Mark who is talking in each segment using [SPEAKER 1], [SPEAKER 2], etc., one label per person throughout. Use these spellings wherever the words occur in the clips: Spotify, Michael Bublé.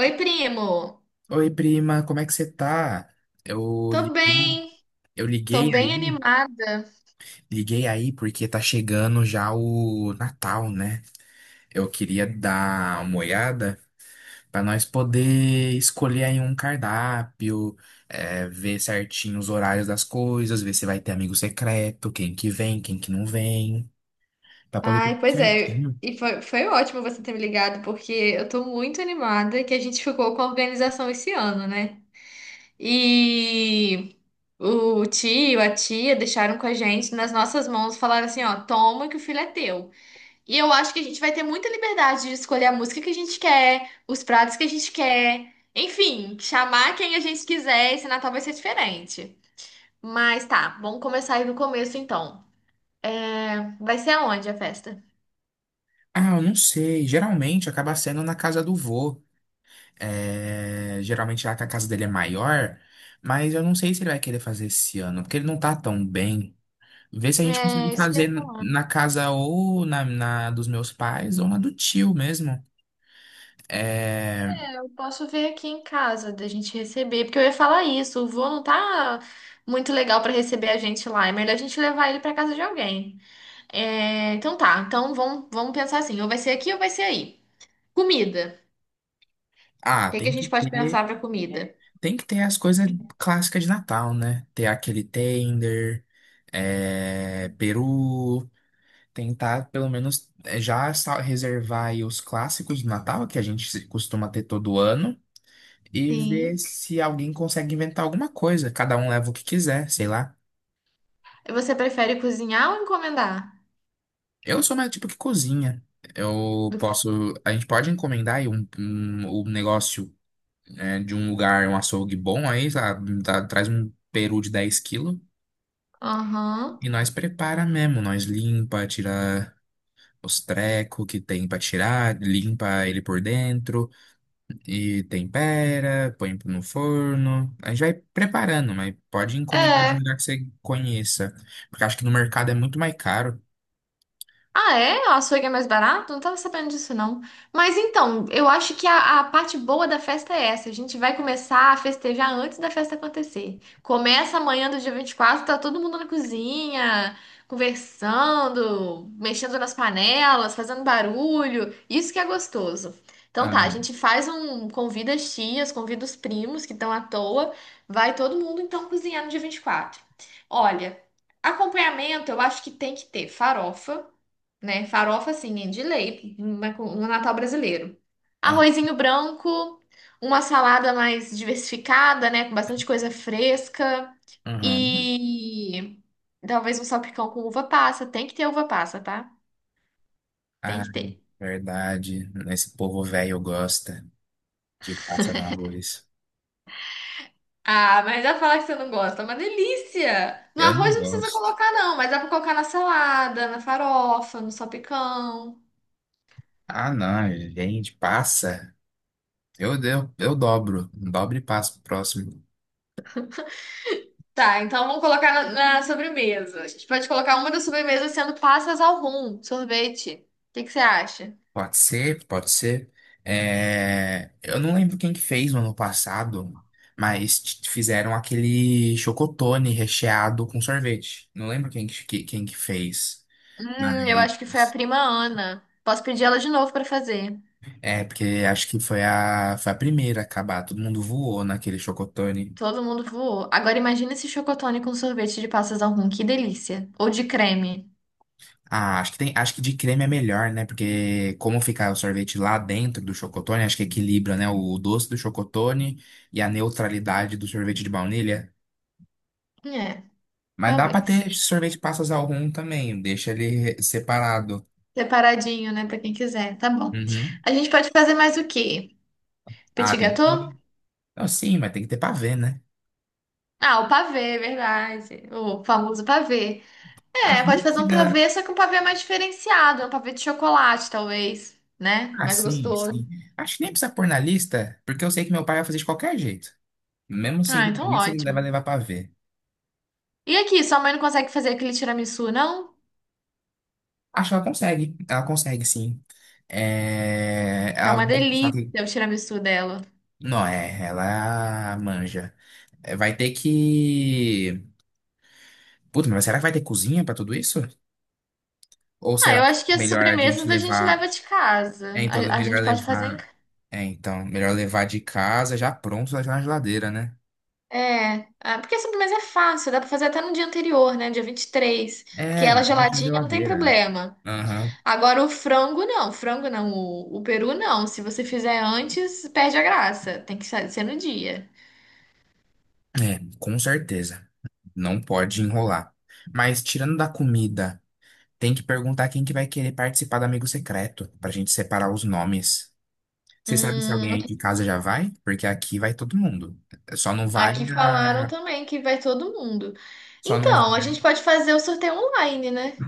[SPEAKER 1] Oi, primo.
[SPEAKER 2] Oi, prima, como é que você tá? Eu
[SPEAKER 1] Tô
[SPEAKER 2] liguei,
[SPEAKER 1] bem,
[SPEAKER 2] eu
[SPEAKER 1] tô
[SPEAKER 2] liguei
[SPEAKER 1] bem
[SPEAKER 2] aí,
[SPEAKER 1] animada.
[SPEAKER 2] liguei aí porque tá chegando já o Natal, né? Eu queria dar uma olhada pra nós poder escolher aí um cardápio, é, ver certinho os horários das coisas, ver se vai ter amigo secreto, quem que vem, quem que não vem, pra poder ter
[SPEAKER 1] Ai,
[SPEAKER 2] tudo
[SPEAKER 1] pois é.
[SPEAKER 2] certinho.
[SPEAKER 1] E foi ótimo você ter me ligado, porque eu tô muito animada que a gente ficou com a organização esse ano, né? E o tio, a tia deixaram com a gente nas nossas mãos, falaram assim, ó, toma que o filho é teu. E eu acho que a gente vai ter muita liberdade de escolher a música que a gente quer, os pratos que a gente quer. Enfim, chamar quem a gente quiser, esse Natal vai ser diferente. Mas tá, vamos começar aí do começo então. É, vai ser aonde a festa?
[SPEAKER 2] Ah, eu não sei. Geralmente acaba sendo na casa do vô. É, geralmente lá que a casa dele é maior, mas eu não sei se ele vai querer fazer esse ano, porque ele não tá tão bem. Vê se a gente
[SPEAKER 1] É,
[SPEAKER 2] consegue
[SPEAKER 1] isso que eu ia
[SPEAKER 2] fazer
[SPEAKER 1] falar.
[SPEAKER 2] na casa ou na dos meus pais ou na do tio mesmo. É,
[SPEAKER 1] Eu posso ver aqui em casa da gente receber, porque eu ia falar isso. O vô não tá muito legal pra receber a gente lá. É melhor a gente levar ele pra casa de alguém. É, então tá, então vamos pensar assim: ou vai ser aqui ou vai ser aí. Comida.
[SPEAKER 2] ah,
[SPEAKER 1] O que que a gente pode pensar pra comida?
[SPEAKER 2] tem que ter as coisas clássicas de Natal, né? Ter aquele tender, é, peru, tentar pelo menos é, já reservar aí os clássicos de Natal que a gente costuma ter todo ano. E ver
[SPEAKER 1] Sim.
[SPEAKER 2] se alguém consegue inventar alguma coisa. Cada um leva o que quiser, sei lá.
[SPEAKER 1] Você prefere cozinhar ou encomendar?
[SPEAKER 2] Eu sou mais tipo que cozinha. Eu
[SPEAKER 1] Do-
[SPEAKER 2] posso, a gente pode encomendar aí um negócio né, de um lugar, um açougue bom aí, sei lá, traz um peru de 10 quilos
[SPEAKER 1] Aham.
[SPEAKER 2] e nós prepara mesmo, nós limpa, tira os trecos que tem pra tirar, limpa ele por dentro. E tempera, põe no forno. A gente vai preparando, mas pode encomendar de um
[SPEAKER 1] É.
[SPEAKER 2] lugar que você conheça. Porque acho que no mercado é muito mais caro.
[SPEAKER 1] Ah, é? O açougue é mais barato? Não tava sabendo disso, não. Mas então, eu acho que a parte boa da festa é essa. A gente vai começar a festejar antes da festa acontecer. Começa amanhã do dia 24. Tá todo mundo na cozinha, conversando, mexendo nas panelas, fazendo barulho. Isso que é gostoso. Então tá, a
[SPEAKER 2] Aham,
[SPEAKER 1] gente faz um. Convida as tias, convida os primos que estão à toa. Vai todo mundo então cozinhar no dia 24. Olha, acompanhamento eu acho que tem que ter farofa, né? Farofa, assim, de lei, no Natal brasileiro.
[SPEAKER 2] ah,
[SPEAKER 1] Arrozinho branco, uma salada mais diversificada, né? Com bastante coisa fresca.
[SPEAKER 2] aham.
[SPEAKER 1] E talvez um salpicão com uva passa. Tem que ter uva passa, tá? Tem
[SPEAKER 2] Ah,
[SPEAKER 1] que ter.
[SPEAKER 2] verdade. Esse povo velho gosta de passa no arroz.
[SPEAKER 1] Ah, mas dá pra falar que você não gosta. É uma delícia! No
[SPEAKER 2] Eu não
[SPEAKER 1] arroz não precisa
[SPEAKER 2] gosto.
[SPEAKER 1] colocar, não, mas dá pra colocar na salada, na farofa, no salpicão.
[SPEAKER 2] Ah, não, gente, passa. Eu dobro. Dobro e passo pro próximo.
[SPEAKER 1] Tá, então vamos colocar na sobremesa. A gente pode colocar uma das sobremesas sendo passas ao rum, sorvete. O que que você acha?
[SPEAKER 2] Pode ser, pode ser. É, eu não lembro quem que fez no ano passado, mas fizeram aquele chocotone recheado com sorvete. Não lembro quem que fez,
[SPEAKER 1] Eu
[SPEAKER 2] mas
[SPEAKER 1] acho que foi a prima Ana. Posso pedir ela de novo pra fazer.
[SPEAKER 2] é porque acho que foi a primeira a acabar. Todo mundo voou naquele chocotone.
[SPEAKER 1] Todo mundo voou. Agora imagina esse chocotone com sorvete de passas ao rum, que delícia. Ou de creme.
[SPEAKER 2] Ah, acho que tem, acho que de creme é melhor, né? Porque como fica o sorvete lá dentro do chocotone, acho que equilibra, né? O doce do chocotone e a neutralidade do sorvete de baunilha.
[SPEAKER 1] É,
[SPEAKER 2] Mas dá pra ter
[SPEAKER 1] talvez.
[SPEAKER 2] sorvete de passas ao rum também, deixa ele separado.
[SPEAKER 1] Separadinho, né, pra quem quiser. Tá bom.
[SPEAKER 2] Uhum.
[SPEAKER 1] A gente pode fazer mais o quê?
[SPEAKER 2] Ah,
[SPEAKER 1] Petit
[SPEAKER 2] tem tudo.
[SPEAKER 1] gâteau?
[SPEAKER 2] Não, sim, mas tem que ter pra ver né?
[SPEAKER 1] Ah, o pavê, é verdade. O famoso pavê.
[SPEAKER 2] Acho
[SPEAKER 1] É,
[SPEAKER 2] que
[SPEAKER 1] pode
[SPEAKER 2] nem
[SPEAKER 1] fazer um
[SPEAKER 2] precisa.
[SPEAKER 1] pavê, só que um pavê mais diferenciado, um pavê de chocolate, talvez, né?
[SPEAKER 2] Ah,
[SPEAKER 1] Mais
[SPEAKER 2] sim,
[SPEAKER 1] gostoso.
[SPEAKER 2] sim. Acho que nem precisa pôr na lista, porque eu sei que meu pai vai fazer de qualquer jeito. Mesmo sem
[SPEAKER 1] Ah,
[SPEAKER 2] ter na
[SPEAKER 1] então
[SPEAKER 2] lista, ele vai
[SPEAKER 1] ótimo.
[SPEAKER 2] levar pavê.
[SPEAKER 1] E aqui, sua mãe não consegue fazer aquele tiramisu, não?
[SPEAKER 2] Acho que ela consegue. Ela consegue, sim. É.
[SPEAKER 1] Que é
[SPEAKER 2] Ela
[SPEAKER 1] uma
[SPEAKER 2] vai ter que,
[SPEAKER 1] delícia o tiramisu dela.
[SPEAKER 2] Não, é, ela manja. É, vai ter que. Puta, mas será que vai ter cozinha pra tudo isso? Ou
[SPEAKER 1] Ah,
[SPEAKER 2] será
[SPEAKER 1] eu acho que as
[SPEAKER 2] melhor a gente
[SPEAKER 1] sobremesas a gente
[SPEAKER 2] levar.
[SPEAKER 1] leva de
[SPEAKER 2] É,
[SPEAKER 1] casa.
[SPEAKER 2] então, é
[SPEAKER 1] A gente
[SPEAKER 2] melhor
[SPEAKER 1] pode fazer em
[SPEAKER 2] levar.
[SPEAKER 1] casa.
[SPEAKER 2] É, então, melhor levar de casa já pronto, já na geladeira, né?
[SPEAKER 1] É, ah, porque a sobremesa é fácil, dá pra fazer até no dia anterior, né? Dia 23, porque
[SPEAKER 2] É,
[SPEAKER 1] ela é
[SPEAKER 2] vou deixar na
[SPEAKER 1] geladinha não tem
[SPEAKER 2] geladeira.
[SPEAKER 1] problema.
[SPEAKER 2] Aham.
[SPEAKER 1] Agora o frango não, o frango não, o peru não. Se você fizer antes, perde a graça. Tem que ser no dia.
[SPEAKER 2] É, com certeza. Não pode enrolar. Mas tirando da comida, tem que perguntar quem que vai querer participar do amigo secreto, pra gente separar os nomes. Você sabe se alguém aí
[SPEAKER 1] Hum,
[SPEAKER 2] de casa já vai? Porque aqui vai todo mundo. Só não vai
[SPEAKER 1] aqui
[SPEAKER 2] a...
[SPEAKER 1] falaram também que vai todo mundo.
[SPEAKER 2] Só não...
[SPEAKER 1] Então, a gente pode fazer o sorteio online, né?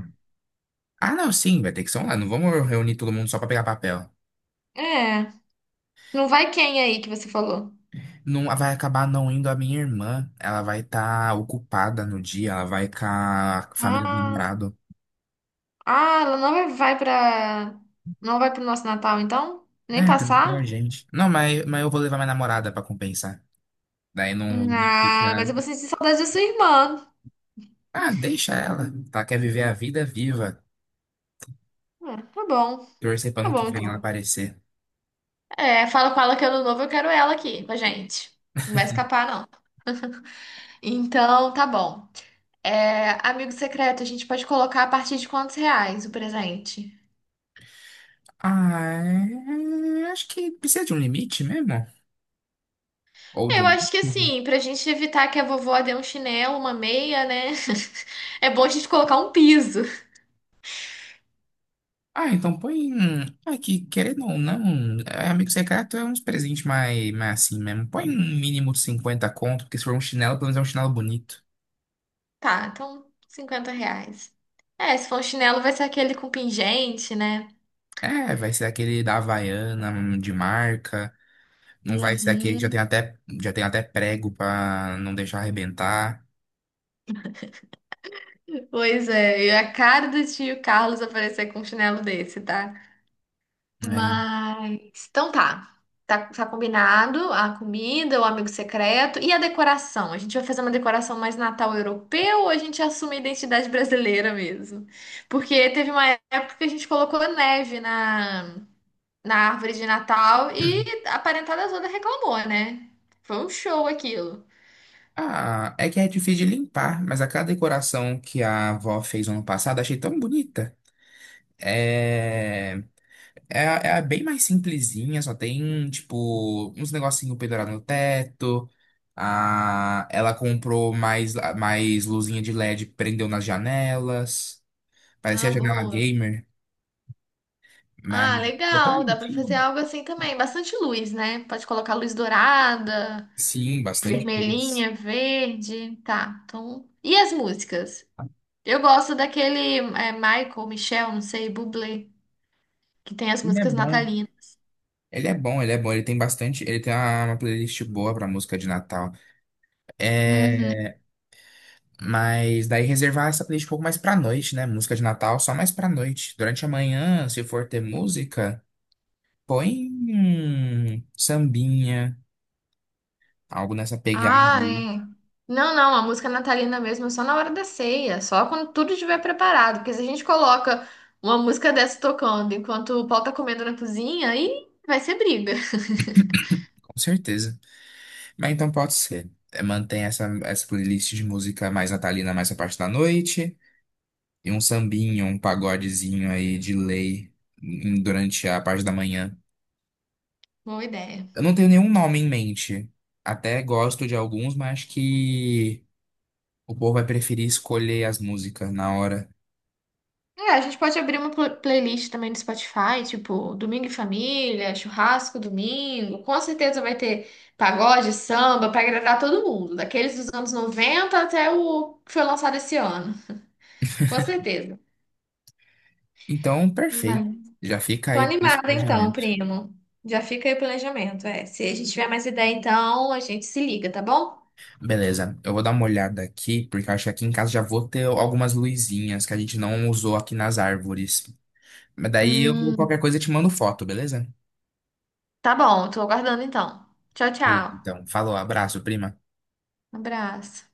[SPEAKER 2] Ah, não, sim, vai ter que ser online. Não vamos reunir todo mundo só pra pegar papel.
[SPEAKER 1] É, não vai quem aí que você falou?
[SPEAKER 2] Não vai acabar não indo a minha irmã. Ela vai estar ocupada no dia, ela vai com a família do
[SPEAKER 1] Ah,
[SPEAKER 2] namorado.
[SPEAKER 1] ah, ela não vai vai pra. Não vai pro nosso Natal, então? Nem
[SPEAKER 2] É, tranquilo, a
[SPEAKER 1] passar?
[SPEAKER 2] gente. Não, mas eu vou levar minha namorada pra compensar. Daí não, não
[SPEAKER 1] Ah, mas
[SPEAKER 2] fica.
[SPEAKER 1] eu vou sentir saudade da sua irmã.
[SPEAKER 2] Ah, deixa ela. Tá, quer viver a vida viva.
[SPEAKER 1] Ah,
[SPEAKER 2] Torcer pra
[SPEAKER 1] tá
[SPEAKER 2] não
[SPEAKER 1] bom
[SPEAKER 2] que vem ela
[SPEAKER 1] então.
[SPEAKER 2] aparecer.
[SPEAKER 1] É, fala com ela que ano novo eu quero ela aqui com a gente. Não vai escapar, não. Então, tá bom. É, amigo secreto, a gente pode colocar a partir de quantos reais o presente?
[SPEAKER 2] Ah, é... acho que precisa de um limite mesmo. Ou
[SPEAKER 1] É,
[SPEAKER 2] de
[SPEAKER 1] eu
[SPEAKER 2] um.
[SPEAKER 1] acho que assim, pra gente evitar que a vovó dê um chinelo, uma meia, né? É bom a gente colocar um piso.
[SPEAKER 2] Ah, então põe. Ah, que querendo ou não, é, amigo secreto é uns presentes mais assim mesmo. Põe um mínimo de 50 conto, porque se for um chinelo, pelo menos é um chinelo bonito.
[SPEAKER 1] Tá, então R$ 50. É, se for um chinelo, vai ser aquele com pingente, né?
[SPEAKER 2] É, vai ser aquele da Havaiana, de marca. Não vai ser aquele que já tem
[SPEAKER 1] Uhum.
[SPEAKER 2] até, já tem até prego pra não deixar arrebentar.
[SPEAKER 1] Pois é, e a cara do tio Carlos aparecer com um chinelo desse, tá?
[SPEAKER 2] Né?
[SPEAKER 1] Mas, então tá. Tá, tá combinado a comida, o amigo secreto e a decoração. A gente vai fazer uma decoração mais Natal europeu ou a gente assume a identidade brasileira mesmo? Porque teve uma época que a gente colocou neve na, na árvore de Natal e a parentada toda reclamou, né? Foi um show aquilo.
[SPEAKER 2] Ah, é que é difícil de limpar, mas aquela decoração que a avó fez ano passado, achei tão bonita. É. É, é bem mais simplesinha, só tem, tipo, uns negocinho pendurado no teto. Ah, ela comprou mais luzinha de LED, prendeu nas janelas. Parecia a
[SPEAKER 1] Ah,
[SPEAKER 2] janela
[SPEAKER 1] boa.
[SPEAKER 2] gamer, mas
[SPEAKER 1] Ah,
[SPEAKER 2] ficou tão
[SPEAKER 1] legal. Dá pra fazer
[SPEAKER 2] bonitinho.
[SPEAKER 1] algo assim também. Bastante luz, né? Pode colocar luz dourada.
[SPEAKER 2] Sim, bastante luz.
[SPEAKER 1] Vermelhinha, verde, tá. Então, e as músicas? Eu gosto daquele é, Michael, Michel, não sei, Bublé, que tem as
[SPEAKER 2] Ele é
[SPEAKER 1] músicas
[SPEAKER 2] bom.
[SPEAKER 1] natalinas.
[SPEAKER 2] Ele é bom, ele é bom. Ele tem bastante. Ele tem uma playlist boa pra música de Natal.
[SPEAKER 1] Uhum.
[SPEAKER 2] É, mas daí reservar essa playlist um pouco mais pra noite, né? Música de Natal só mais pra noite. Durante a manhã, se for ter música. Põe um sambinha, algo nessa pegada,
[SPEAKER 1] Ah,
[SPEAKER 2] aí,
[SPEAKER 1] é. Não, não, a música natalina mesmo é só na hora da ceia, só quando tudo estiver preparado, porque se a gente coloca uma música dessa tocando enquanto o pau tá comendo na cozinha, aí vai ser briga.
[SPEAKER 2] com certeza. Mas então pode ser. É, mantém essa playlist de música mais natalina, mais a parte da noite. E um sambinho, um pagodezinho aí de lei durante a parte da manhã.
[SPEAKER 1] Boa ideia.
[SPEAKER 2] Eu não tenho nenhum nome em mente. Até gosto de alguns, mas acho que o povo vai preferir escolher as músicas na hora.
[SPEAKER 1] É, a gente pode abrir uma playlist também no Spotify, tipo Domingo em Família, Churrasco Domingo. Com certeza vai ter pagode, samba, pra agradar todo mundo, daqueles dos anos 90 até o que foi lançado esse ano. Com certeza.
[SPEAKER 2] Então,
[SPEAKER 1] Mas
[SPEAKER 2] perfeito. Já fica
[SPEAKER 1] tô
[SPEAKER 2] aí esse
[SPEAKER 1] animada então,
[SPEAKER 2] planejamento.
[SPEAKER 1] primo. Já fica aí o planejamento. É, se a gente tiver mais ideia, então a gente se liga, tá bom?
[SPEAKER 2] Beleza, eu vou dar uma olhada aqui, porque eu acho que aqui em casa já vou ter algumas luzinhas que a gente não usou aqui nas árvores. Mas daí eu, qualquer
[SPEAKER 1] Hum,
[SPEAKER 2] coisa, eu te mando foto, beleza?
[SPEAKER 1] tá bom, tô aguardando então. Tchau,
[SPEAKER 2] Beleza,
[SPEAKER 1] tchau.
[SPEAKER 2] então. Falou, abraço, prima.
[SPEAKER 1] Um abraço.